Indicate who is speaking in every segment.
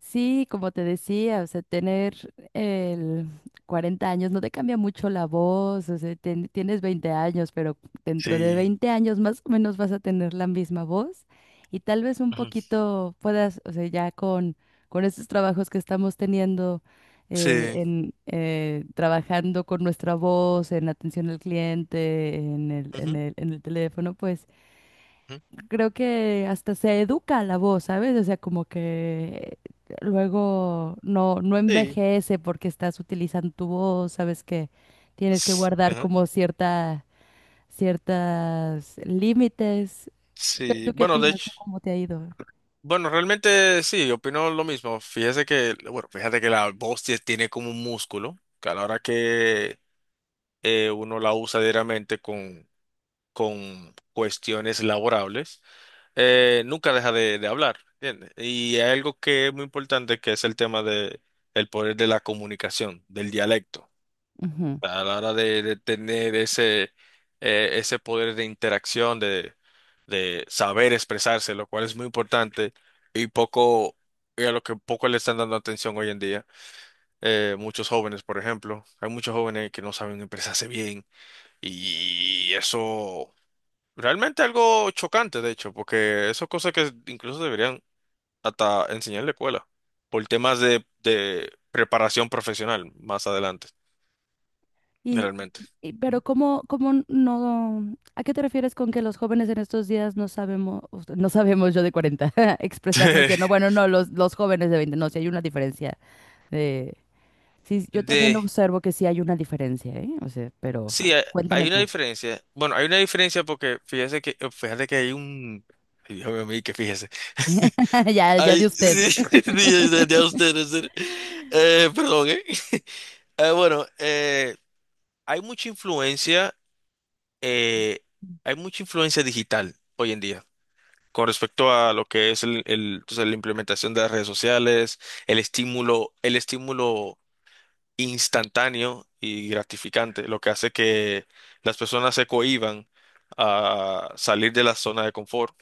Speaker 1: Sí, como te decía, o sea, tener el 40 años no te cambia mucho la voz, o sea, tienes 20 años, pero dentro de
Speaker 2: Sí.
Speaker 1: 20 años más o menos vas a tener la misma voz y tal vez un
Speaker 2: Ujú.
Speaker 1: poquito puedas, o sea, ya con estos trabajos que estamos teniendo,
Speaker 2: Sí.
Speaker 1: trabajando con nuestra voz, en atención al cliente, en el, en
Speaker 2: Ujú.
Speaker 1: el, en el teléfono, pues
Speaker 2: Ujú.
Speaker 1: creo que hasta se educa la voz, ¿sabes? O sea, como que luego no
Speaker 2: Sí.
Speaker 1: envejece porque estás utilizando tu voz, sabes que tienes que
Speaker 2: s-
Speaker 1: guardar
Speaker 2: ajá,
Speaker 1: como ciertas límites. ¿Tú
Speaker 2: Sí.
Speaker 1: tú qué
Speaker 2: Bueno, de
Speaker 1: opinas?
Speaker 2: hecho,
Speaker 1: ¿Tú ¿Cómo te ha ido?
Speaker 2: bueno, realmente sí, opino lo mismo. Fíjate que la voz tiene como un músculo, que a la hora que uno la usa diariamente con cuestiones laborables, nunca deja de hablar, ¿entiendes? Y hay algo que es muy importante, que es el tema de el poder de la comunicación, del dialecto.
Speaker 1: Ujú.
Speaker 2: A la hora de tener ese poder de interacción, de saber expresarse, lo cual es muy importante y poco, y a lo que poco le están dando atención hoy en día. Muchos jóvenes, por ejemplo, hay muchos jóvenes que no saben expresarse bien y eso realmente algo chocante, de hecho, porque eso es cosa que incluso deberían hasta enseñar en la escuela por temas de preparación profesional más adelante,
Speaker 1: Y,
Speaker 2: realmente.
Speaker 1: pero ¿cómo, cómo no, ¿a qué te refieres con que los jóvenes en estos días no sabemos yo de 40 expresarnos bien? No, bueno, no, los jóvenes de 20 no, si hay una diferencia Sí, yo también
Speaker 2: De,
Speaker 1: observo que sí hay una diferencia, ¿eh? O sea, pero
Speaker 2: sí, hay,
Speaker 1: cuéntame
Speaker 2: hay una
Speaker 1: tú.
Speaker 2: diferencia. Bueno, hay una diferencia porque fíjate que hay un, ay, Dios mío, que fíjese.
Speaker 1: Ya, ya
Speaker 2: Ay,
Speaker 1: de
Speaker 2: sí,
Speaker 1: usted.
Speaker 2: sí, ya usted, en serio. Perdón, ¿eh? Eh, bueno, eh, hay mucha influencia, eh, Hay mucha influencia digital hoy en día con respecto a lo que es la implementación de las redes sociales, el estímulo instantáneo y gratificante, lo que hace que las personas se cohíban a salir de la zona de confort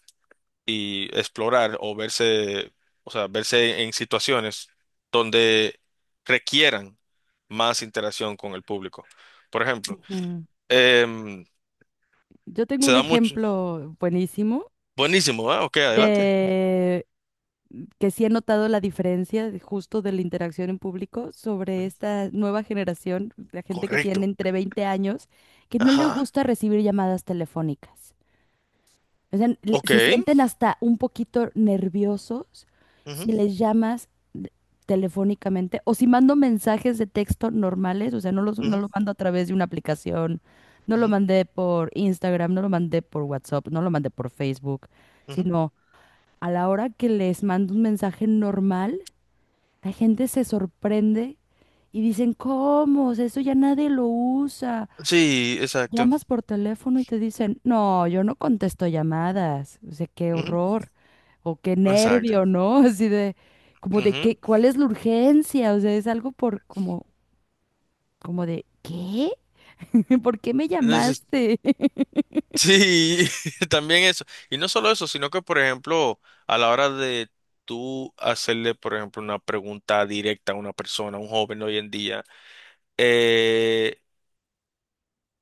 Speaker 2: y explorar o verse, o sea, verse en situaciones donde requieran más interacción con el público. Por ejemplo,
Speaker 1: Ujú.
Speaker 2: em,
Speaker 1: Yo tengo
Speaker 2: se
Speaker 1: un
Speaker 2: da mucho.
Speaker 1: ejemplo buenísimo
Speaker 2: Buenísimo, ¿ah? Ok, adelante.
Speaker 1: de que sí he notado la diferencia justo de la interacción en público sobre
Speaker 2: Ujú.
Speaker 1: esta nueva generación, la gente que tiene
Speaker 2: Correcto.
Speaker 1: entre 20 años, que no le
Speaker 2: Ajá.
Speaker 1: gusta recibir llamadas telefónicas. O sea,
Speaker 2: Ok.
Speaker 1: se sienten hasta un poquito nerviosos
Speaker 2: Ujú,
Speaker 1: si les llamas telefónicamente o si mando mensajes de texto normales, o sea, no los, no
Speaker 2: ujú,
Speaker 1: lo mando a través de una aplicación, no lo
Speaker 2: ujú,
Speaker 1: mandé por Instagram, no lo mandé por WhatsApp, no lo mandé por Facebook,
Speaker 2: ujú.
Speaker 1: sino a la hora que les mando un mensaje normal, la gente se sorprende y dicen, ¿cómo? O sea, eso ya nadie lo usa.
Speaker 2: Sí, exacto.
Speaker 1: Llamas por teléfono y te dicen, no, yo no contesto llamadas. O sea, qué
Speaker 2: Ujú.
Speaker 1: horror. O qué
Speaker 2: Exacto.
Speaker 1: nervio, ¿no? Así de, como de qué,
Speaker 2: Ujú.
Speaker 1: ¿cuál es la urgencia? O sea, es algo por como, como de, ¿qué? ¿Por qué me llamaste?
Speaker 2: Sí, también eso. Y no solo eso, sino que, por ejemplo, a la hora de tú hacerle, por ejemplo, una pregunta directa a una persona, a un joven hoy en día, eh,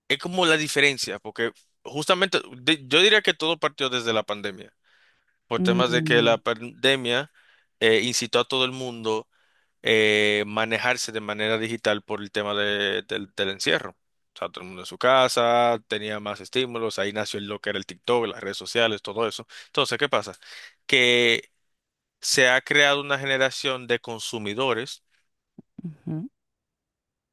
Speaker 2: es como la diferencia, porque justamente yo diría que todo partió desde la pandemia, por temas de que la
Speaker 1: Mm,
Speaker 2: pandemia incitó a todo el mundo manejarse de manera digital por el tema del encierro. O sea, todo el mundo en su casa, tenía más estímulos, ahí nació lo que era el TikTok, las redes sociales, todo eso. Entonces, ¿qué pasa? Que se ha creado una generación de consumidores,
Speaker 1: ujú,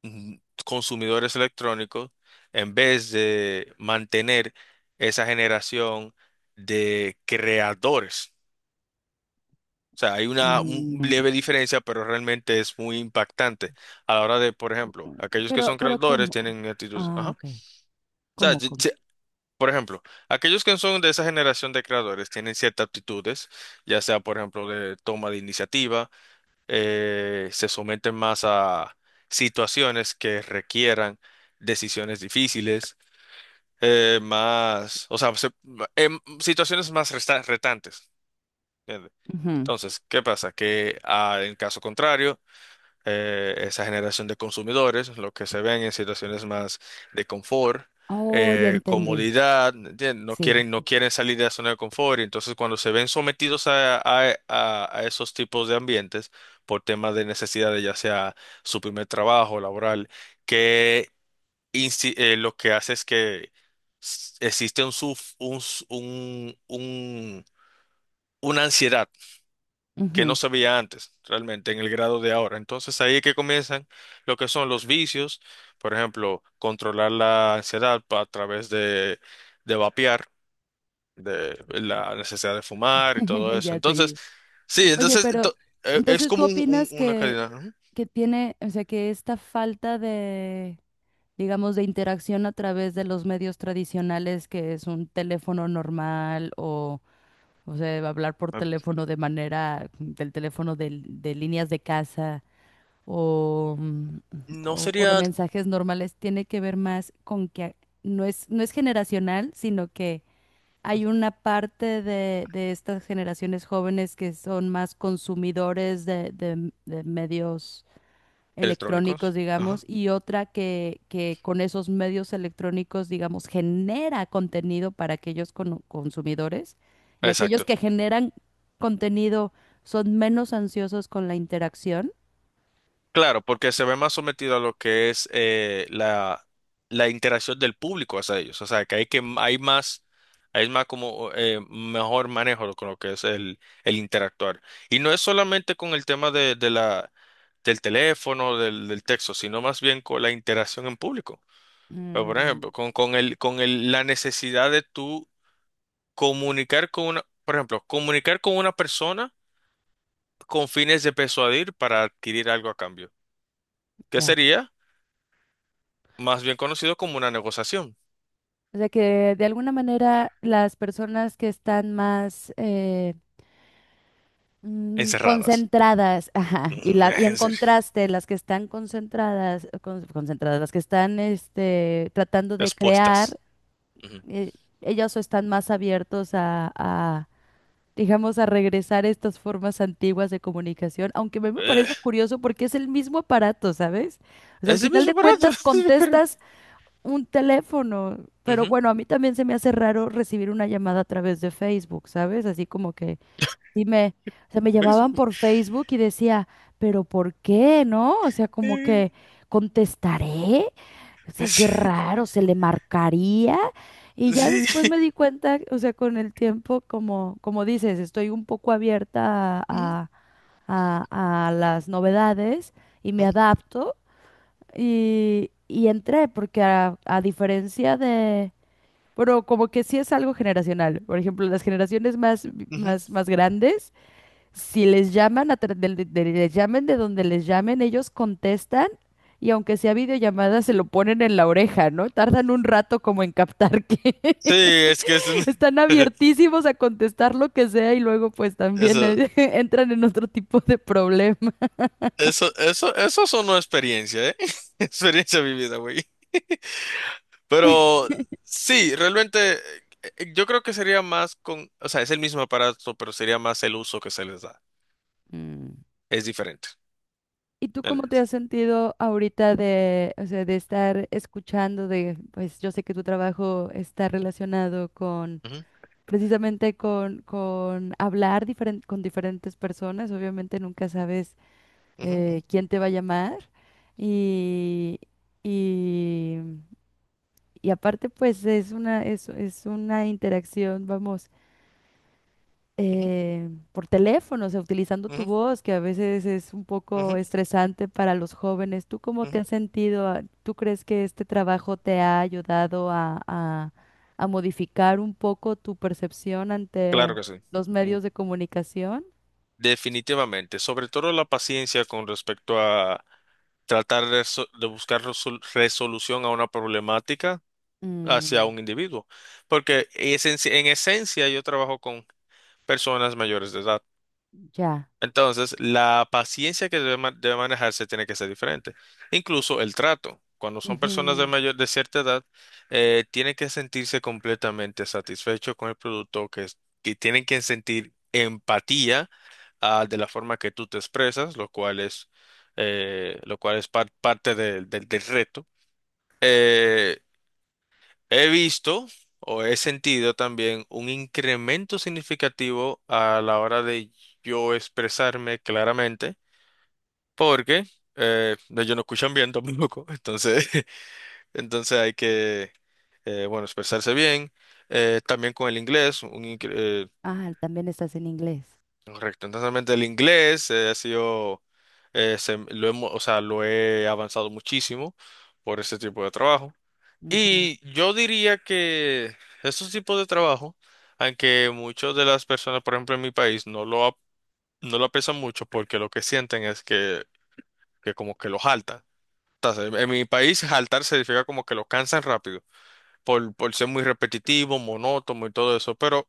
Speaker 2: mm, consumidores electrónicos, en vez de mantener esa generación de creadores. O sea, hay
Speaker 1: mm,
Speaker 2: leve diferencia, pero realmente es muy impactante a la hora de, por
Speaker 1: cu-
Speaker 2: ejemplo, aquellos que
Speaker 1: Pero,
Speaker 2: son
Speaker 1: pero
Speaker 2: creadores
Speaker 1: ¿cómo?
Speaker 2: tienen actitudes.
Speaker 1: Ah,
Speaker 2: Ajá. O
Speaker 1: ok.
Speaker 2: sea,
Speaker 1: ¿Cómo, cómo?
Speaker 2: por ejemplo, aquellos que son de esa generación de creadores tienen ciertas aptitudes, ya sea, por ejemplo, de toma de iniciativa, se someten más a situaciones que requieran decisiones difíciles, más, o sea, se- em, situaciones más retantes. ¿Entiendes?
Speaker 1: Ujú.
Speaker 2: Entonces, ¿qué pasa? Que en caso contrario, esa generación de consumidores, lo que se ven en situaciones más de confort,
Speaker 1: Oh, ya entendí.
Speaker 2: comodidad, ¿entiendes? No
Speaker 1: Sí.
Speaker 2: quieren, no quieren salir de la zona de confort, y entonces cuando se ven sometidos a esos tipos de ambientes por temas de necesidades, ya sea su primer trabajo laboral, que lo que hace es que existe un, suf- un, s- un- una ansiedad que no
Speaker 1: Ujú.
Speaker 2: se veía antes, realmente, en el grado de ahora. Entonces ahí es que comienzan lo que son los vicios, por ejemplo, controlar la ansiedad a través de vapear, de la necesidad de fumar y todo eso.
Speaker 1: Ya
Speaker 2: Entonces,
Speaker 1: te
Speaker 2: sí,
Speaker 1: Oye, pero
Speaker 2: es
Speaker 1: entonces tú
Speaker 2: como
Speaker 1: opinas
Speaker 2: una
Speaker 1: que,
Speaker 2: calidad. Ujú.
Speaker 1: que tiene, o sea, que esta falta de, digamos, de interacción a través de los medios tradicionales, que es un teléfono normal o sea, hablar por teléfono de manera, del teléfono de líneas de casa o, mm,
Speaker 2: No
Speaker 1: o de
Speaker 2: sería
Speaker 1: mensajes normales, tiene que ver más con que no es generacional, sino que hay una parte de estas generaciones jóvenes que son más consumidores de medios electrónicos,
Speaker 2: electrónicos.
Speaker 1: digamos,
Speaker 2: Ajá.
Speaker 1: y otra que con esos medios electrónicos, digamos, genera contenido para aquellos consumidores y aquellos
Speaker 2: Exacto.
Speaker 1: que generan contenido son menos ansiosos con la interacción.
Speaker 2: Claro, porque se ve más sometido a lo que es la interacción del público hacia ellos. O sea, que hay más, hay más como mejor manejo con lo que es el interactuar. Y no es solamente con el tema del teléfono, del texto, sino más bien con la interacción en público. Pero, por
Speaker 1: Mm,
Speaker 2: ejemplo, la necesidad de tú comunicar con una, por ejemplo, comunicar con una persona con fines de persuadir para adquirir algo a cambio. ¿Qué
Speaker 1: ya.
Speaker 2: sería? Más bien conocido como una negociación.
Speaker 1: O sea que de alguna manera las personas que están más
Speaker 2: Encerradas.
Speaker 1: concentradas, ajá, y
Speaker 2: Ujú.
Speaker 1: la, y en
Speaker 2: En serio.
Speaker 1: contraste, las que están concentradas, concentradas, las que están tratando de crear,
Speaker 2: Expuestas. Ujú.
Speaker 1: eh, ellos están más abiertos digamos, a regresar a estas formas antiguas de comunicación, aunque me
Speaker 2: Eh,
Speaker 1: parece curioso porque es el mismo aparato, ¿sabes? O sea, al
Speaker 2: es el
Speaker 1: final
Speaker 2: mismo
Speaker 1: de
Speaker 2: aparato.
Speaker 1: cuentas
Speaker 2: Es el mismo aparato.
Speaker 1: contestas un teléfono, pero
Speaker 2: Ujú.
Speaker 1: bueno, a mí también se me hace raro recibir una llamada a través de Facebook, ¿sabes? Así como que... Dime, o sea, me
Speaker 2: ¿Ves?
Speaker 1: llamaban por Facebook y decía, pero ¿por qué, no? O sea, como
Speaker 2: Eh,
Speaker 1: que contestaré, o sea, qué
Speaker 2: es-
Speaker 1: raro, se le marcaría. Y ya
Speaker 2: Sí.
Speaker 1: después me di cuenta, o sea, con el tiempo, como, como dices, estoy un poco abierta
Speaker 2: Ujú,
Speaker 1: a, a- a las novedades y me
Speaker 2: ujú,
Speaker 1: adapto y entré, porque a diferencia de, pero como que sí es algo generacional. Por ejemplo, las generaciones más,
Speaker 2: ujú.
Speaker 1: más, más grandes si les llaman, a tra- del- de- les llamen de donde les llamen, ellos contestan y aunque sea videollamada, se lo ponen en la oreja, ¿no? Tardan un rato como en captar que
Speaker 2: Sí, es que es
Speaker 1: están abiertísimos a contestar lo que sea y luego pues también
Speaker 2: Eso,
Speaker 1: entran en otro tipo de problema.
Speaker 2: eso sonó experiencia, ¿eh? Experiencia vivida, güey. Pero sí, realmente yo creo que sería más o sea, es el mismo aparato, pero sería más el uso que se les da.
Speaker 1: Mm.
Speaker 2: Es diferente.
Speaker 1: ¿Y tú cómo te has sentido ahorita de, o sea, de estar escuchando de, pues yo sé que tu trabajo está relacionado con
Speaker 2: Ujú,
Speaker 1: precisamente con hablar con diferentes personas. Obviamente nunca sabes
Speaker 2: ujú, ujú.
Speaker 1: quién te va a llamar. Y, y, y aparte, pues es una interacción, vamos
Speaker 2: Ujú,
Speaker 1: por teléfono, o sea, utilizando tu
Speaker 2: ujú,
Speaker 1: voz, que a veces es un poco
Speaker 2: ujú,
Speaker 1: estresante para los jóvenes. ¿Tú cómo te
Speaker 2: ujú.
Speaker 1: has sentido? Ah, ¿tú crees que este trabajo te ha ayudado a modificar un poco tu percepción ante
Speaker 2: Claro que sí,
Speaker 1: los
Speaker 2: Mm,
Speaker 1: medios de comunicación?
Speaker 2: definitivamente, sobre todo la paciencia con respecto a tratar de buscar resolución a una problemática hacia
Speaker 1: Mm,
Speaker 2: un individuo, porque es en esencia yo trabajo con personas mayores de edad.
Speaker 1: ya.
Speaker 2: Entonces, la paciencia que debe manejarse tiene que ser diferente. Incluso el trato. Cuando son personas
Speaker 1: Ujú.
Speaker 2: de cierta edad, tienen que sentirse completamente satisfechos con el producto, que, que tienen que sentir empatía, de la forma que tú te expresas, lo cual es parte del reto. Eh, He visto o he sentido también un incremento significativo a la hora de yo expresarme claramente porque no, ellos no escuchan bien tampoco, entonces hay que, bueno, expresarse bien, también con el inglés,
Speaker 1: Ah, también estás en inglés.
Speaker 2: correcto, entonces realmente el inglés ha sido, o sea, lo he avanzado muchísimo por ese tipo de trabajo,
Speaker 1: Ujú,
Speaker 2: y yo diría que estos tipos de trabajo, aunque muchas de las personas, por ejemplo, en mi país, no lo aprecian mucho porque lo que sienten es que como que lo jaltan. En mi país, jaltar significa como que lo cansan rápido, por ser muy repetitivo, monótono y todo eso. Pero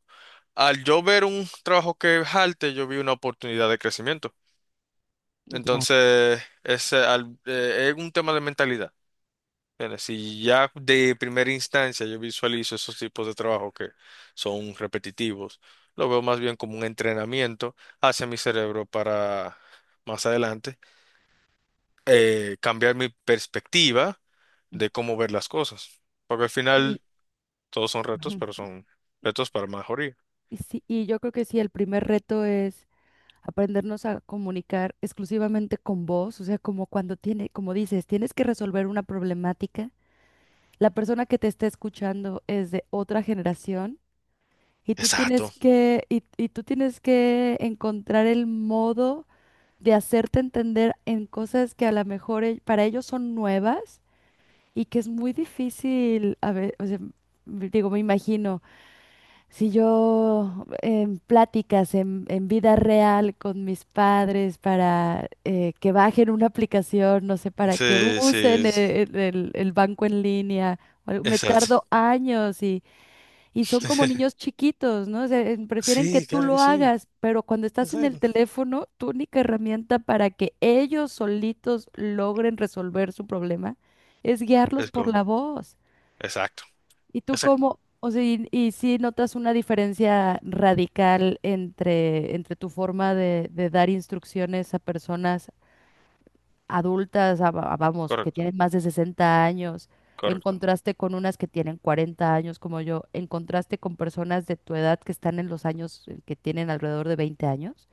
Speaker 2: al yo ver un trabajo que jalte, yo vi una oportunidad de crecimiento.
Speaker 1: ya.
Speaker 2: Entonces, es un tema de mentalidad. ¿Entiendes? Si ya de primera instancia yo visualizo esos tipos de trabajo que son repetitivos, lo veo más bien como un entrenamiento hacia mi cerebro para más adelante cambiar mi perspectiva de cómo ver las cosas. Porque al
Speaker 1: Y,
Speaker 2: final todos son retos, pero
Speaker 1: ujú,
Speaker 2: son retos para mejoría.
Speaker 1: y sí, yo creo que sí, el primer reto es aprendernos a comunicar exclusivamente con voz, o sea, como cuando tiene, como dices, tienes que resolver una problemática, la persona que te está escuchando es de otra generación y tú tienes
Speaker 2: Exacto.
Speaker 1: que, y tú tienes que encontrar el modo de hacerte entender en cosas que a lo mejor para ellos son nuevas y que es muy difícil, a ver, o sea, digo, me imagino si yo en pláticas en vida real con mis padres para que bajen una aplicación, no sé, para que
Speaker 2: Sí, sí,
Speaker 1: usen el banco en línea, o algo, me
Speaker 2: exacto.
Speaker 1: tardo años y son como niños chiquitos, ¿no? O sea, prefieren que
Speaker 2: Sí,
Speaker 1: tú
Speaker 2: claro que
Speaker 1: lo
Speaker 2: sí.
Speaker 1: hagas, pero cuando estás en el
Speaker 2: Exacto.
Speaker 1: teléfono, tu única herramienta para que ellos solitos logren resolver su problema es guiarlos
Speaker 2: Es
Speaker 1: por
Speaker 2: como,
Speaker 1: la voz.
Speaker 2: exacto,
Speaker 1: ¿Y tú
Speaker 2: exacto,
Speaker 1: cómo, o sea, y si notas una diferencia radical entre tu forma de dar instrucciones a personas adultas, vamos, que
Speaker 2: correcto,
Speaker 1: tienen más de 60 años, en
Speaker 2: correcto,
Speaker 1: contraste con unas que tienen 40 años como yo, en contraste con personas de tu edad que están en los años que tienen alrededor de 20 años?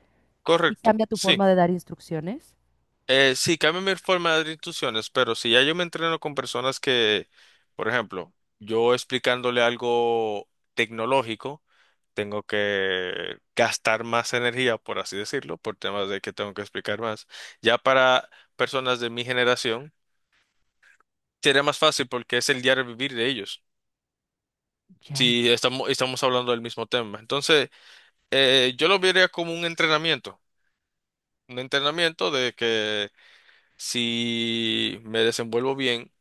Speaker 1: ¿Y
Speaker 2: correcto,
Speaker 1: cambia tu
Speaker 2: sí.
Speaker 1: forma de dar instrucciones?
Speaker 2: Sí, cambia mi forma de dar instrucciones, pero si ya yo me entreno con personas que, por ejemplo, yo explicándole algo tecnológico, tengo que gastar más energía, por así decirlo, por temas de que tengo que explicar más. Ya para personas de mi generación, sería más fácil porque es el diario vivir de ellos,
Speaker 1: Ya.
Speaker 2: si estamos hablando del mismo tema. Entonces, yo lo vería como un entrenamiento de que si me desenvuelvo bien,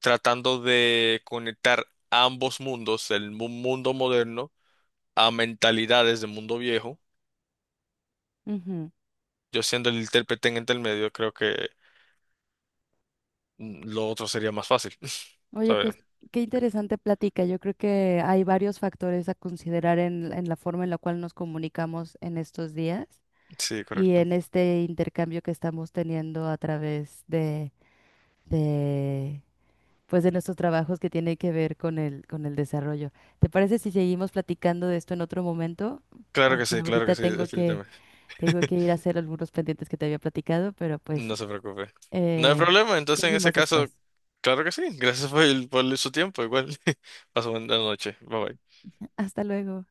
Speaker 2: tratando de conectar ambos mundos, mundo moderno, a mentalidades del mundo viejo, yo siendo el intérprete en el medio, creo que lo otro sería más fácil.
Speaker 1: Oye,
Speaker 2: ¿Sabes?
Speaker 1: pues qué interesante plática. Yo creo que hay varios factores a considerar en la forma en la cual nos comunicamos en estos días
Speaker 2: Sí,
Speaker 1: y
Speaker 2: correcto.
Speaker 1: en este intercambio que estamos teniendo a través de, pues de nuestros trabajos que tiene que ver con el desarrollo. ¿Te parece si seguimos platicando de esto en otro momento? Porque
Speaker 2: Claro que
Speaker 1: ahorita
Speaker 2: sí,
Speaker 1: tengo que,
Speaker 2: definitivamente.
Speaker 1: tengo que ir a hacer algunos pendientes que te había platicado, pero pues
Speaker 2: No se preocupe. No hay
Speaker 1: eh,
Speaker 2: problema, entonces en ese
Speaker 1: seguimos
Speaker 2: caso,
Speaker 1: después.
Speaker 2: claro que sí. Gracias por, por su tiempo, igual. Paso buena noche. Bye bye.
Speaker 1: Hasta luego.